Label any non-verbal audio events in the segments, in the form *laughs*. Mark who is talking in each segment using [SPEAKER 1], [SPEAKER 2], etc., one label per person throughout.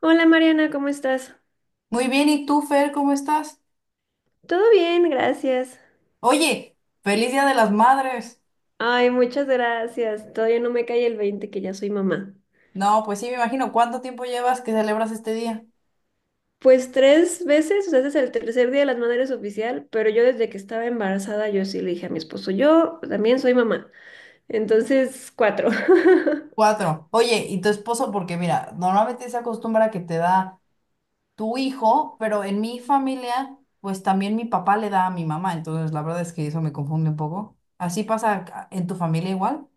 [SPEAKER 1] Hola Mariana, ¿cómo estás?
[SPEAKER 2] Muy bien, ¿y tú, Fer, cómo estás?
[SPEAKER 1] Todo bien, gracias.
[SPEAKER 2] Oye, feliz Día de las Madres.
[SPEAKER 1] Ay, muchas gracias. Todavía no me cae el 20 que ya soy mamá.
[SPEAKER 2] No, pues sí, me imagino, ¿cuánto tiempo llevas que celebras este día?
[SPEAKER 1] Pues tres veces, o sea, este es el tercer día de las madres oficial, pero yo desde que estaba embarazada yo sí le dije a mi esposo, yo también soy mamá. Entonces, cuatro. *laughs*
[SPEAKER 2] Cuatro. Oye, ¿y tu esposo? Porque mira, normalmente se acostumbra que te da tu hijo, pero en mi familia, pues también mi papá le da a mi mamá, entonces la verdad es que eso me confunde un poco. ¿Así pasa en tu familia igual?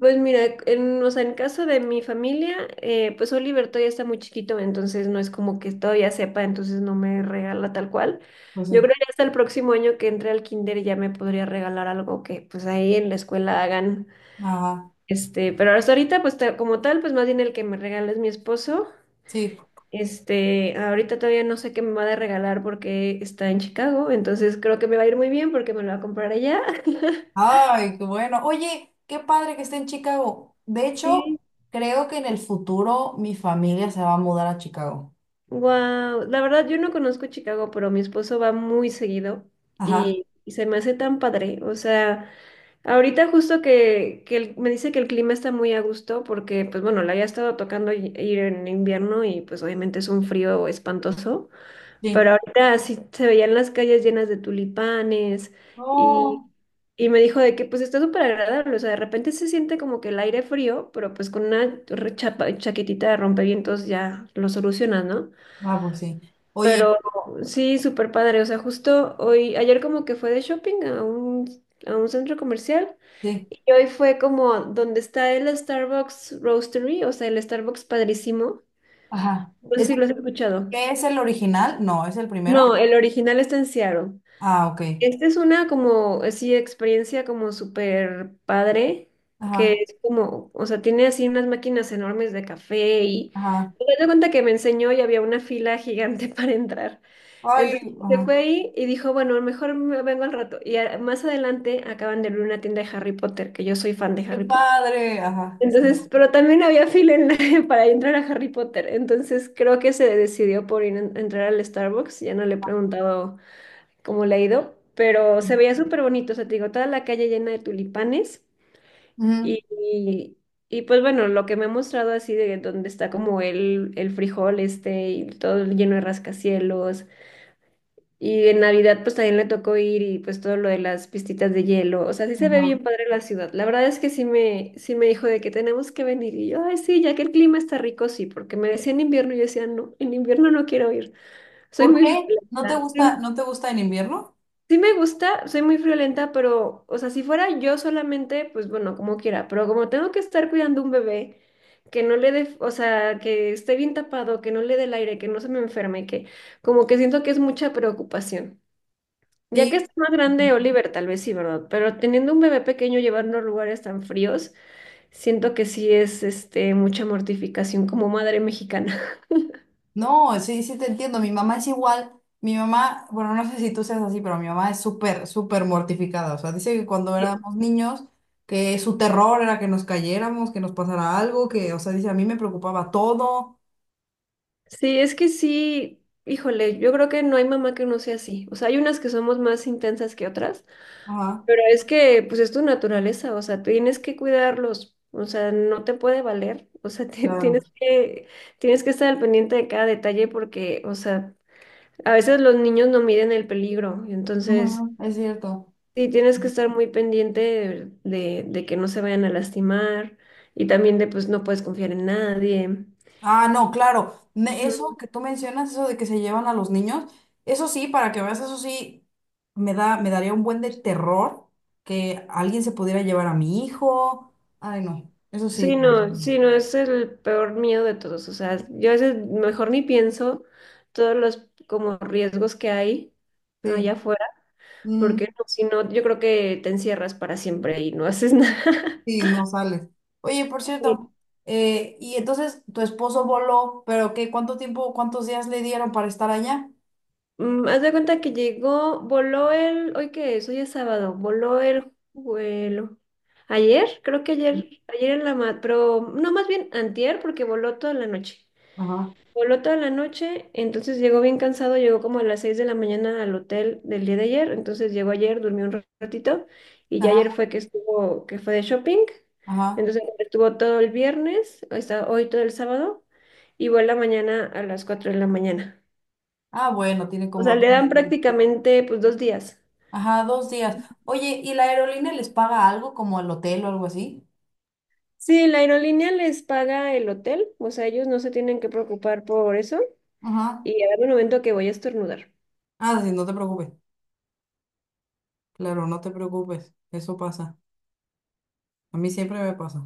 [SPEAKER 1] Pues mira, o sea, en caso de mi familia, pues Oliver todavía está muy chiquito, entonces no es como que todavía sepa, entonces no me regala tal cual.
[SPEAKER 2] Pues
[SPEAKER 1] Yo
[SPEAKER 2] sí.
[SPEAKER 1] creo que hasta el próximo año que entre al kinder ya me podría regalar algo que pues ahí en la escuela hagan.
[SPEAKER 2] Ajá,
[SPEAKER 1] Pero hasta ahorita, pues como tal, pues más bien el que me regala es mi esposo.
[SPEAKER 2] sí.
[SPEAKER 1] Ahorita todavía no sé qué me va a regalar porque está en Chicago, entonces creo que me va a ir muy bien porque me lo va a comprar allá. *laughs*
[SPEAKER 2] Ay, qué bueno. Oye, qué padre que esté en Chicago. De hecho,
[SPEAKER 1] Sí.
[SPEAKER 2] creo que en el futuro mi familia se va a mudar a Chicago.
[SPEAKER 1] Wow, la verdad yo no conozco Chicago, pero mi esposo va muy seguido
[SPEAKER 2] Ajá,
[SPEAKER 1] y se me hace tan padre. O sea, ahorita justo que, me dice que el clima está muy a gusto porque, pues bueno, le había estado tocando ir en invierno y pues obviamente es un frío espantoso,
[SPEAKER 2] sí.
[SPEAKER 1] pero ahorita sí se veían las calles llenas de tulipanes y,
[SPEAKER 2] No.
[SPEAKER 1] y me dijo de que pues está súper agradable. O sea, de repente se siente como que el aire frío, pero pues con una chaquetita de rompevientos ya lo solucionas, ¿no?
[SPEAKER 2] Ah, pues sí. Oye,
[SPEAKER 1] Pero sí, súper padre. O sea, justo hoy, ayer como que fue de shopping a un centro comercial
[SPEAKER 2] sí.
[SPEAKER 1] y hoy fue como donde está el Starbucks Roastery, o sea, el Starbucks padrísimo.
[SPEAKER 2] Ajá.
[SPEAKER 1] No sé
[SPEAKER 2] ¿Ese
[SPEAKER 1] si lo has escuchado.
[SPEAKER 2] qué es el original? No, es el primero.
[SPEAKER 1] No, el original está en Seattle.
[SPEAKER 2] Ah, ok.
[SPEAKER 1] Esta es una como, así, experiencia como súper padre, que
[SPEAKER 2] Ajá,
[SPEAKER 1] es como, o sea, tiene así unas máquinas enormes de café y
[SPEAKER 2] ajá.
[SPEAKER 1] me doy cuenta que me enseñó y había una fila gigante *laughs* para entrar.
[SPEAKER 2] Ay,
[SPEAKER 1] Entonces se
[SPEAKER 2] ajá.
[SPEAKER 1] fue ahí y dijo, bueno, mejor me vengo al rato. Y más adelante acaban de abrir una tienda de Harry Potter, que yo soy fan de
[SPEAKER 2] Qué
[SPEAKER 1] Harry Potter.
[SPEAKER 2] padre. Ajá, sí,
[SPEAKER 1] Entonces, pero también había fila en *laughs* para entrar a Harry Potter. Entonces creo que se decidió por ir entrar al Starbucks. Ya no le he preguntado cómo le ha ido, pero
[SPEAKER 2] sí.
[SPEAKER 1] se veía súper bonito. O sea, te digo, toda la calle llena de tulipanes.
[SPEAKER 2] Ujú,
[SPEAKER 1] Y, y, y, pues bueno, lo que me ha mostrado así de donde está como el frijol este y todo lleno de rascacielos y en Navidad pues también le tocó ir y pues todo lo de las pistitas de hielo. O sea, sí se ve bien
[SPEAKER 2] ajá.
[SPEAKER 1] padre la ciudad. La verdad es que sí me dijo de que tenemos que venir. Y yo, ay, sí, ya que el clima está rico, sí, porque me decía en invierno y yo decía, no, en invierno no quiero ir. Soy
[SPEAKER 2] ¿Por
[SPEAKER 1] muy
[SPEAKER 2] qué? ¿No te
[SPEAKER 1] friolenta.
[SPEAKER 2] gusta,
[SPEAKER 1] Sí,
[SPEAKER 2] no te gusta en invierno?
[SPEAKER 1] sí me gusta, soy muy friolenta, pero, o sea, si fuera yo solamente, pues bueno, como quiera. Pero como tengo que estar cuidando un bebé, que no le dé, o sea, que esté bien tapado, que no le dé el aire, que no se me enferme, que como que siento que es mucha preocupación. Ya que
[SPEAKER 2] Sí.
[SPEAKER 1] está más grande Oliver, tal vez sí, ¿verdad? Pero teniendo un bebé pequeño, llevarlo a lugares tan fríos, siento que sí es mucha mortificación como madre mexicana.
[SPEAKER 2] No, sí, sí te entiendo. Mi mamá es igual. Mi mamá, bueno, no sé si tú seas así, pero mi mamá es súper, súper mortificada. O sea, dice que cuando éramos
[SPEAKER 1] *laughs*
[SPEAKER 2] niños, que su terror era que nos cayéramos, que nos pasara algo, que, o sea, dice, a mí me preocupaba todo.
[SPEAKER 1] Sí, es que sí, híjole, yo creo que no hay mamá que no sea así. O sea, hay unas que somos más intensas que otras,
[SPEAKER 2] Ajá,
[SPEAKER 1] pero es que pues es tu naturaleza, o sea, tienes que cuidarlos, o sea, no te puede valer, *laughs* o sea,
[SPEAKER 2] claro.
[SPEAKER 1] tienes que estar al pendiente de cada detalle porque, o sea, a veces los niños no miden el peligro, entonces.
[SPEAKER 2] Ujú, es cierto.
[SPEAKER 1] Sí, tienes que estar muy pendiente de que no se vayan a lastimar y también de pues no puedes confiar en nadie.
[SPEAKER 2] Ah, no, claro. Eso
[SPEAKER 1] Ujú.
[SPEAKER 2] que tú mencionas, eso de que se llevan a los niños, eso sí, para que veas, eso sí, me da, me daría un buen de terror que alguien se pudiera llevar a mi hijo. Ay, no, eso sí.
[SPEAKER 1] Sí,
[SPEAKER 2] Para mí.
[SPEAKER 1] no,
[SPEAKER 2] No.
[SPEAKER 1] sí, no, es el peor miedo de todos. O sea, yo a veces mejor ni pienso todos los como riesgos que hay allá
[SPEAKER 2] Sí,
[SPEAKER 1] afuera, porque
[SPEAKER 2] mm,
[SPEAKER 1] no, si no, yo creo que te encierras para siempre y no haces nada.
[SPEAKER 2] sí, no sale. Oye, por cierto,
[SPEAKER 1] *laughs*
[SPEAKER 2] y entonces tu esposo voló, pero ¿qué? ¿Cuánto tiempo, cuántos días le dieron para estar allá?
[SPEAKER 1] Haz de cuenta que llegó, voló el, ¿hoy qué es? Hoy es sábado, voló el vuelo. Ayer, creo que ayer en la mat, pero no, más bien antier, porque voló toda la noche.
[SPEAKER 2] Ajá.
[SPEAKER 1] Voló toda la noche, entonces llegó bien cansado, llegó como a las 6 de la mañana al hotel del día de ayer, entonces llegó ayer, durmió un ratito, y ya ayer
[SPEAKER 2] Ajá,
[SPEAKER 1] fue que estuvo, que fue de shopping,
[SPEAKER 2] ajá.
[SPEAKER 1] entonces estuvo todo el viernes, está hoy todo el sábado, y vuela mañana a las 4 de la mañana.
[SPEAKER 2] Ah, bueno, tiene
[SPEAKER 1] O
[SPEAKER 2] como
[SPEAKER 1] sea,
[SPEAKER 2] dos
[SPEAKER 1] le dan
[SPEAKER 2] días.
[SPEAKER 1] prácticamente pues 2 días.
[SPEAKER 2] Ajá, dos días. Oye, ¿y la aerolínea les paga algo como el hotel o algo así?
[SPEAKER 1] Sí, la aerolínea les paga el hotel, o sea, ellos no se tienen que preocupar por eso.
[SPEAKER 2] Ajá.
[SPEAKER 1] Y a ver un momento que voy a estornudar.
[SPEAKER 2] Ah, sí, no te preocupes. Claro, no te preocupes. Eso pasa. A mí siempre me pasa.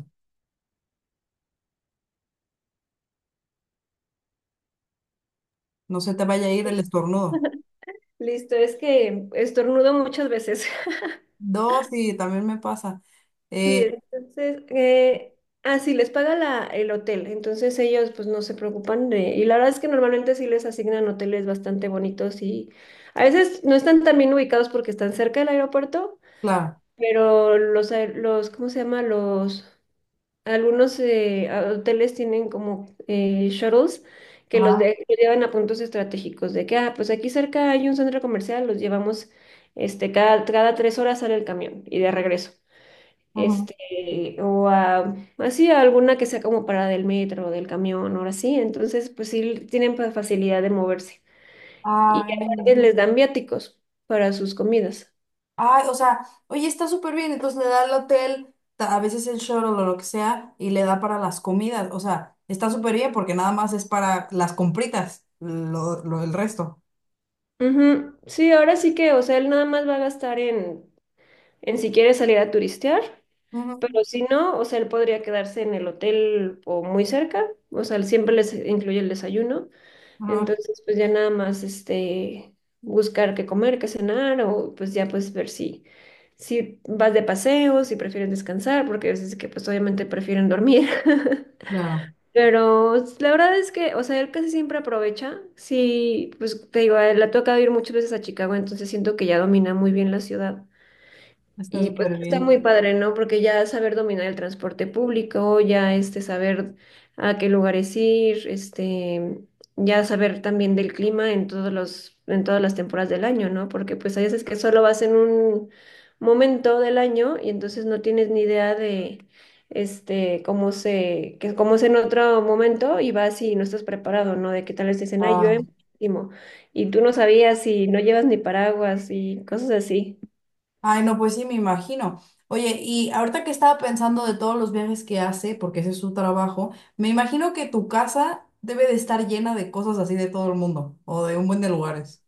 [SPEAKER 2] No se te vaya a ir el estornudo.
[SPEAKER 1] Listo, es que estornudo muchas veces. *laughs*
[SPEAKER 2] Dos, sí, también me pasa.
[SPEAKER 1] Sí,
[SPEAKER 2] Eh,
[SPEAKER 1] entonces, sí, les paga el hotel, entonces ellos pues no se preocupan de, y la verdad es que normalmente sí les asignan hoteles bastante bonitos y a veces no están tan bien ubicados porque están cerca del aeropuerto,
[SPEAKER 2] claro.
[SPEAKER 1] pero los, ¿cómo se llama? Los. Algunos hoteles tienen como shuttles que los,
[SPEAKER 2] Ajá,
[SPEAKER 1] de- los llevan a puntos estratégicos de que, pues aquí cerca hay un centro comercial, los llevamos, cada 3 horas sale el camión y de regreso.
[SPEAKER 2] ajá.
[SPEAKER 1] Así a alguna que sea como parada del metro o del camión, ahora sí. Entonces, pues sí tienen facilidad de moverse. Y
[SPEAKER 2] Ay,
[SPEAKER 1] aparte les dan viáticos para sus comidas.
[SPEAKER 2] ay, o sea, oye, está súper bien, entonces le da el hotel, a veces el shuttle o lo que sea, y le da para las comidas, o sea, está súper bien porque nada más es para las compritas, el resto.
[SPEAKER 1] Ujú. Sí, ahora sí que, o sea, él nada más va a gastar en, si quiere salir a turistear.
[SPEAKER 2] Ujú.
[SPEAKER 1] Pero si no, o sea, él podría quedarse en el hotel o muy cerca, o sea, él siempre les incluye el desayuno,
[SPEAKER 2] Ajá,
[SPEAKER 1] entonces pues ya nada más buscar qué comer, qué cenar o pues ya pues ver si vas de paseo, si prefieren descansar, porque a veces que pues obviamente prefieren dormir. *laughs*
[SPEAKER 2] claro,
[SPEAKER 1] Pero la verdad es que, o sea, él casi siempre aprovecha. Sí, pues te digo, a él le ha tocado ir muchas veces a Chicago, entonces siento que ya domina muy bien la ciudad.
[SPEAKER 2] está
[SPEAKER 1] Y pues
[SPEAKER 2] súper
[SPEAKER 1] está
[SPEAKER 2] bien.
[SPEAKER 1] muy padre, ¿no? Porque ya saber dominar el transporte público, ya saber a qué lugares ir, ya saber también del clima en todas las temporadas del año, ¿no? Porque pues hay veces que solo vas en un momento del año y entonces no tienes ni idea de este cómo se, que cómo es en otro momento y vas y no estás preparado, ¿no? De que tal vez te dicen, ay,
[SPEAKER 2] Ah,
[SPEAKER 1] llueve muchísimo", y tú no sabías y no llevas ni paraguas y cosas así.
[SPEAKER 2] ay, no, pues sí, me imagino. Oye, y ahorita que estaba pensando de todos los viajes que hace, porque ese es su trabajo, me imagino que tu casa debe de estar llena de cosas así de todo el mundo, o de un buen de lugares.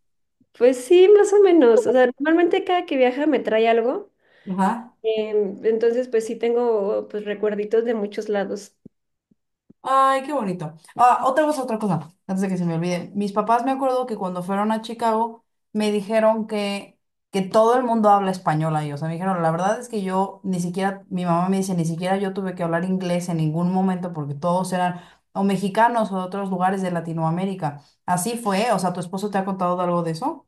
[SPEAKER 1] Pues sí, más o menos. O sea, normalmente cada que viaja me trae algo.
[SPEAKER 2] Ajá.
[SPEAKER 1] Entonces, pues sí tengo pues recuerditos de muchos lados.
[SPEAKER 2] Ay, qué bonito. Ah, otra cosa, antes de que se me olvide. Mis papás me acuerdo que cuando fueron a Chicago me dijeron que todo el mundo habla español ahí. O sea, me dijeron, la verdad es que yo ni siquiera, mi mamá me dice, ni siquiera yo tuve que hablar inglés en ningún momento porque todos eran o mexicanos o de otros lugares de Latinoamérica. Así fue, o sea, ¿tu esposo te ha contado de algo de eso?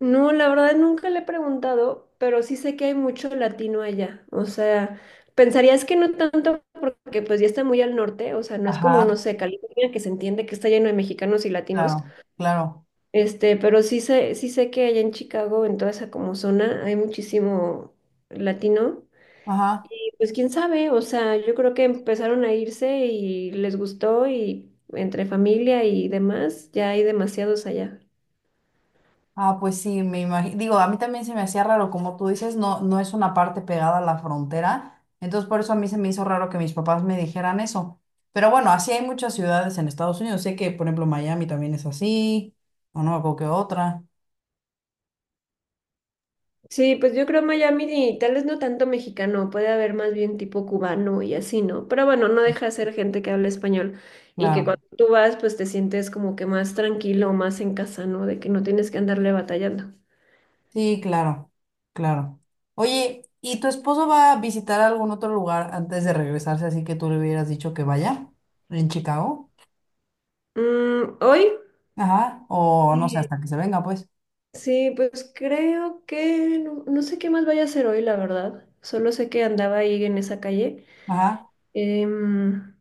[SPEAKER 1] No, la verdad nunca le he preguntado, pero sí sé que hay mucho latino allá. O sea, pensarías que no tanto porque pues ya está muy al norte. O sea, no es como, no
[SPEAKER 2] Ajá,
[SPEAKER 1] sé, California que se entiende que está lleno de mexicanos y latinos.
[SPEAKER 2] claro, claro.
[SPEAKER 1] Pero sí sé que allá en Chicago, en toda esa como zona, hay muchísimo latino.
[SPEAKER 2] Ajá.
[SPEAKER 1] Pues quién sabe, o sea, yo creo que empezaron a irse y les gustó y entre familia y demás, ya hay demasiados allá.
[SPEAKER 2] Ah, pues sí, me imagino. Digo, a mí también se me hacía raro, como tú dices, no, no es una parte pegada a la frontera. Entonces, por eso a mí se me hizo raro que mis papás me dijeran eso. Pero bueno, así hay muchas ciudades en Estados Unidos. Sé que, por ejemplo, Miami también es así, o no, o que otra.
[SPEAKER 1] Sí, pues yo creo Miami y tal vez no tanto mexicano, puede haber más bien tipo cubano y así, ¿no? Pero bueno, no deja de ser gente que habla español y que cuando
[SPEAKER 2] Claro.
[SPEAKER 1] tú vas, pues te sientes como que más tranquilo, más en casa, ¿no? De que no tienes que andarle batallando.
[SPEAKER 2] Sí, claro, claro. Oye, ¿y tu esposo va a visitar algún otro lugar antes de regresarse, así que tú le hubieras dicho que vaya en Chicago?
[SPEAKER 1] Hoy,
[SPEAKER 2] Ajá. O no sé,
[SPEAKER 1] eh,
[SPEAKER 2] hasta que se venga, pues.
[SPEAKER 1] sí, pues creo que no, no sé qué más vaya a hacer hoy, la verdad. Solo sé que andaba ahí en esa calle.
[SPEAKER 2] Ajá.
[SPEAKER 1] Em,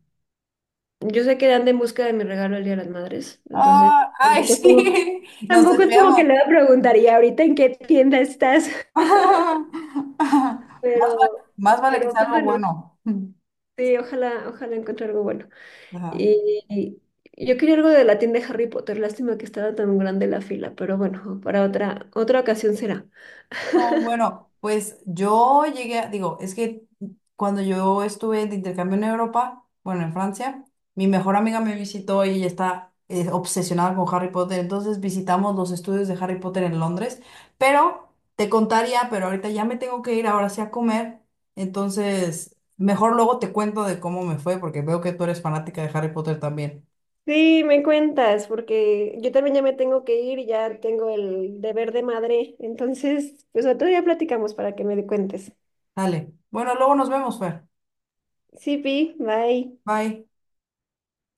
[SPEAKER 1] yo sé que anda en busca de mi regalo el Día de las Madres, entonces
[SPEAKER 2] Ah, ay, *laughs*
[SPEAKER 1] tampoco es como,
[SPEAKER 2] sí, nos
[SPEAKER 1] tampoco es como que
[SPEAKER 2] desviamos.
[SPEAKER 1] le preguntaría ahorita en qué tienda estás, *laughs*
[SPEAKER 2] *laughs*
[SPEAKER 1] pero,
[SPEAKER 2] Más vale que
[SPEAKER 1] pero
[SPEAKER 2] sea
[SPEAKER 1] pues
[SPEAKER 2] algo
[SPEAKER 1] bueno,
[SPEAKER 2] bueno. *laughs*
[SPEAKER 1] sí, ojalá encuentre algo bueno.
[SPEAKER 2] Ajá.
[SPEAKER 1] Y yo quería algo de la tienda de Harry Potter, lástima que estaba tan grande la fila, pero bueno, para otra ocasión será.
[SPEAKER 2] No, bueno, pues yo llegué a, digo, es que cuando yo estuve de intercambio en Europa, bueno, en Francia, mi mejor amiga me visitó y ella está obsesionada con Harry Potter, entonces visitamos los estudios de Harry Potter en Londres, pero te contaría, pero ahorita ya me tengo que ir ahora sí a comer, entonces mejor luego te cuento de cómo me fue, porque veo que tú eres fanática de Harry Potter también.
[SPEAKER 1] Sí, me cuentas, porque yo también ya me tengo que ir, ya tengo el deber de madre, entonces pues otro día platicamos para que me cuentes.
[SPEAKER 2] Dale, bueno, luego nos vemos, Fer.
[SPEAKER 1] Sí, Pi, bye.
[SPEAKER 2] Bye.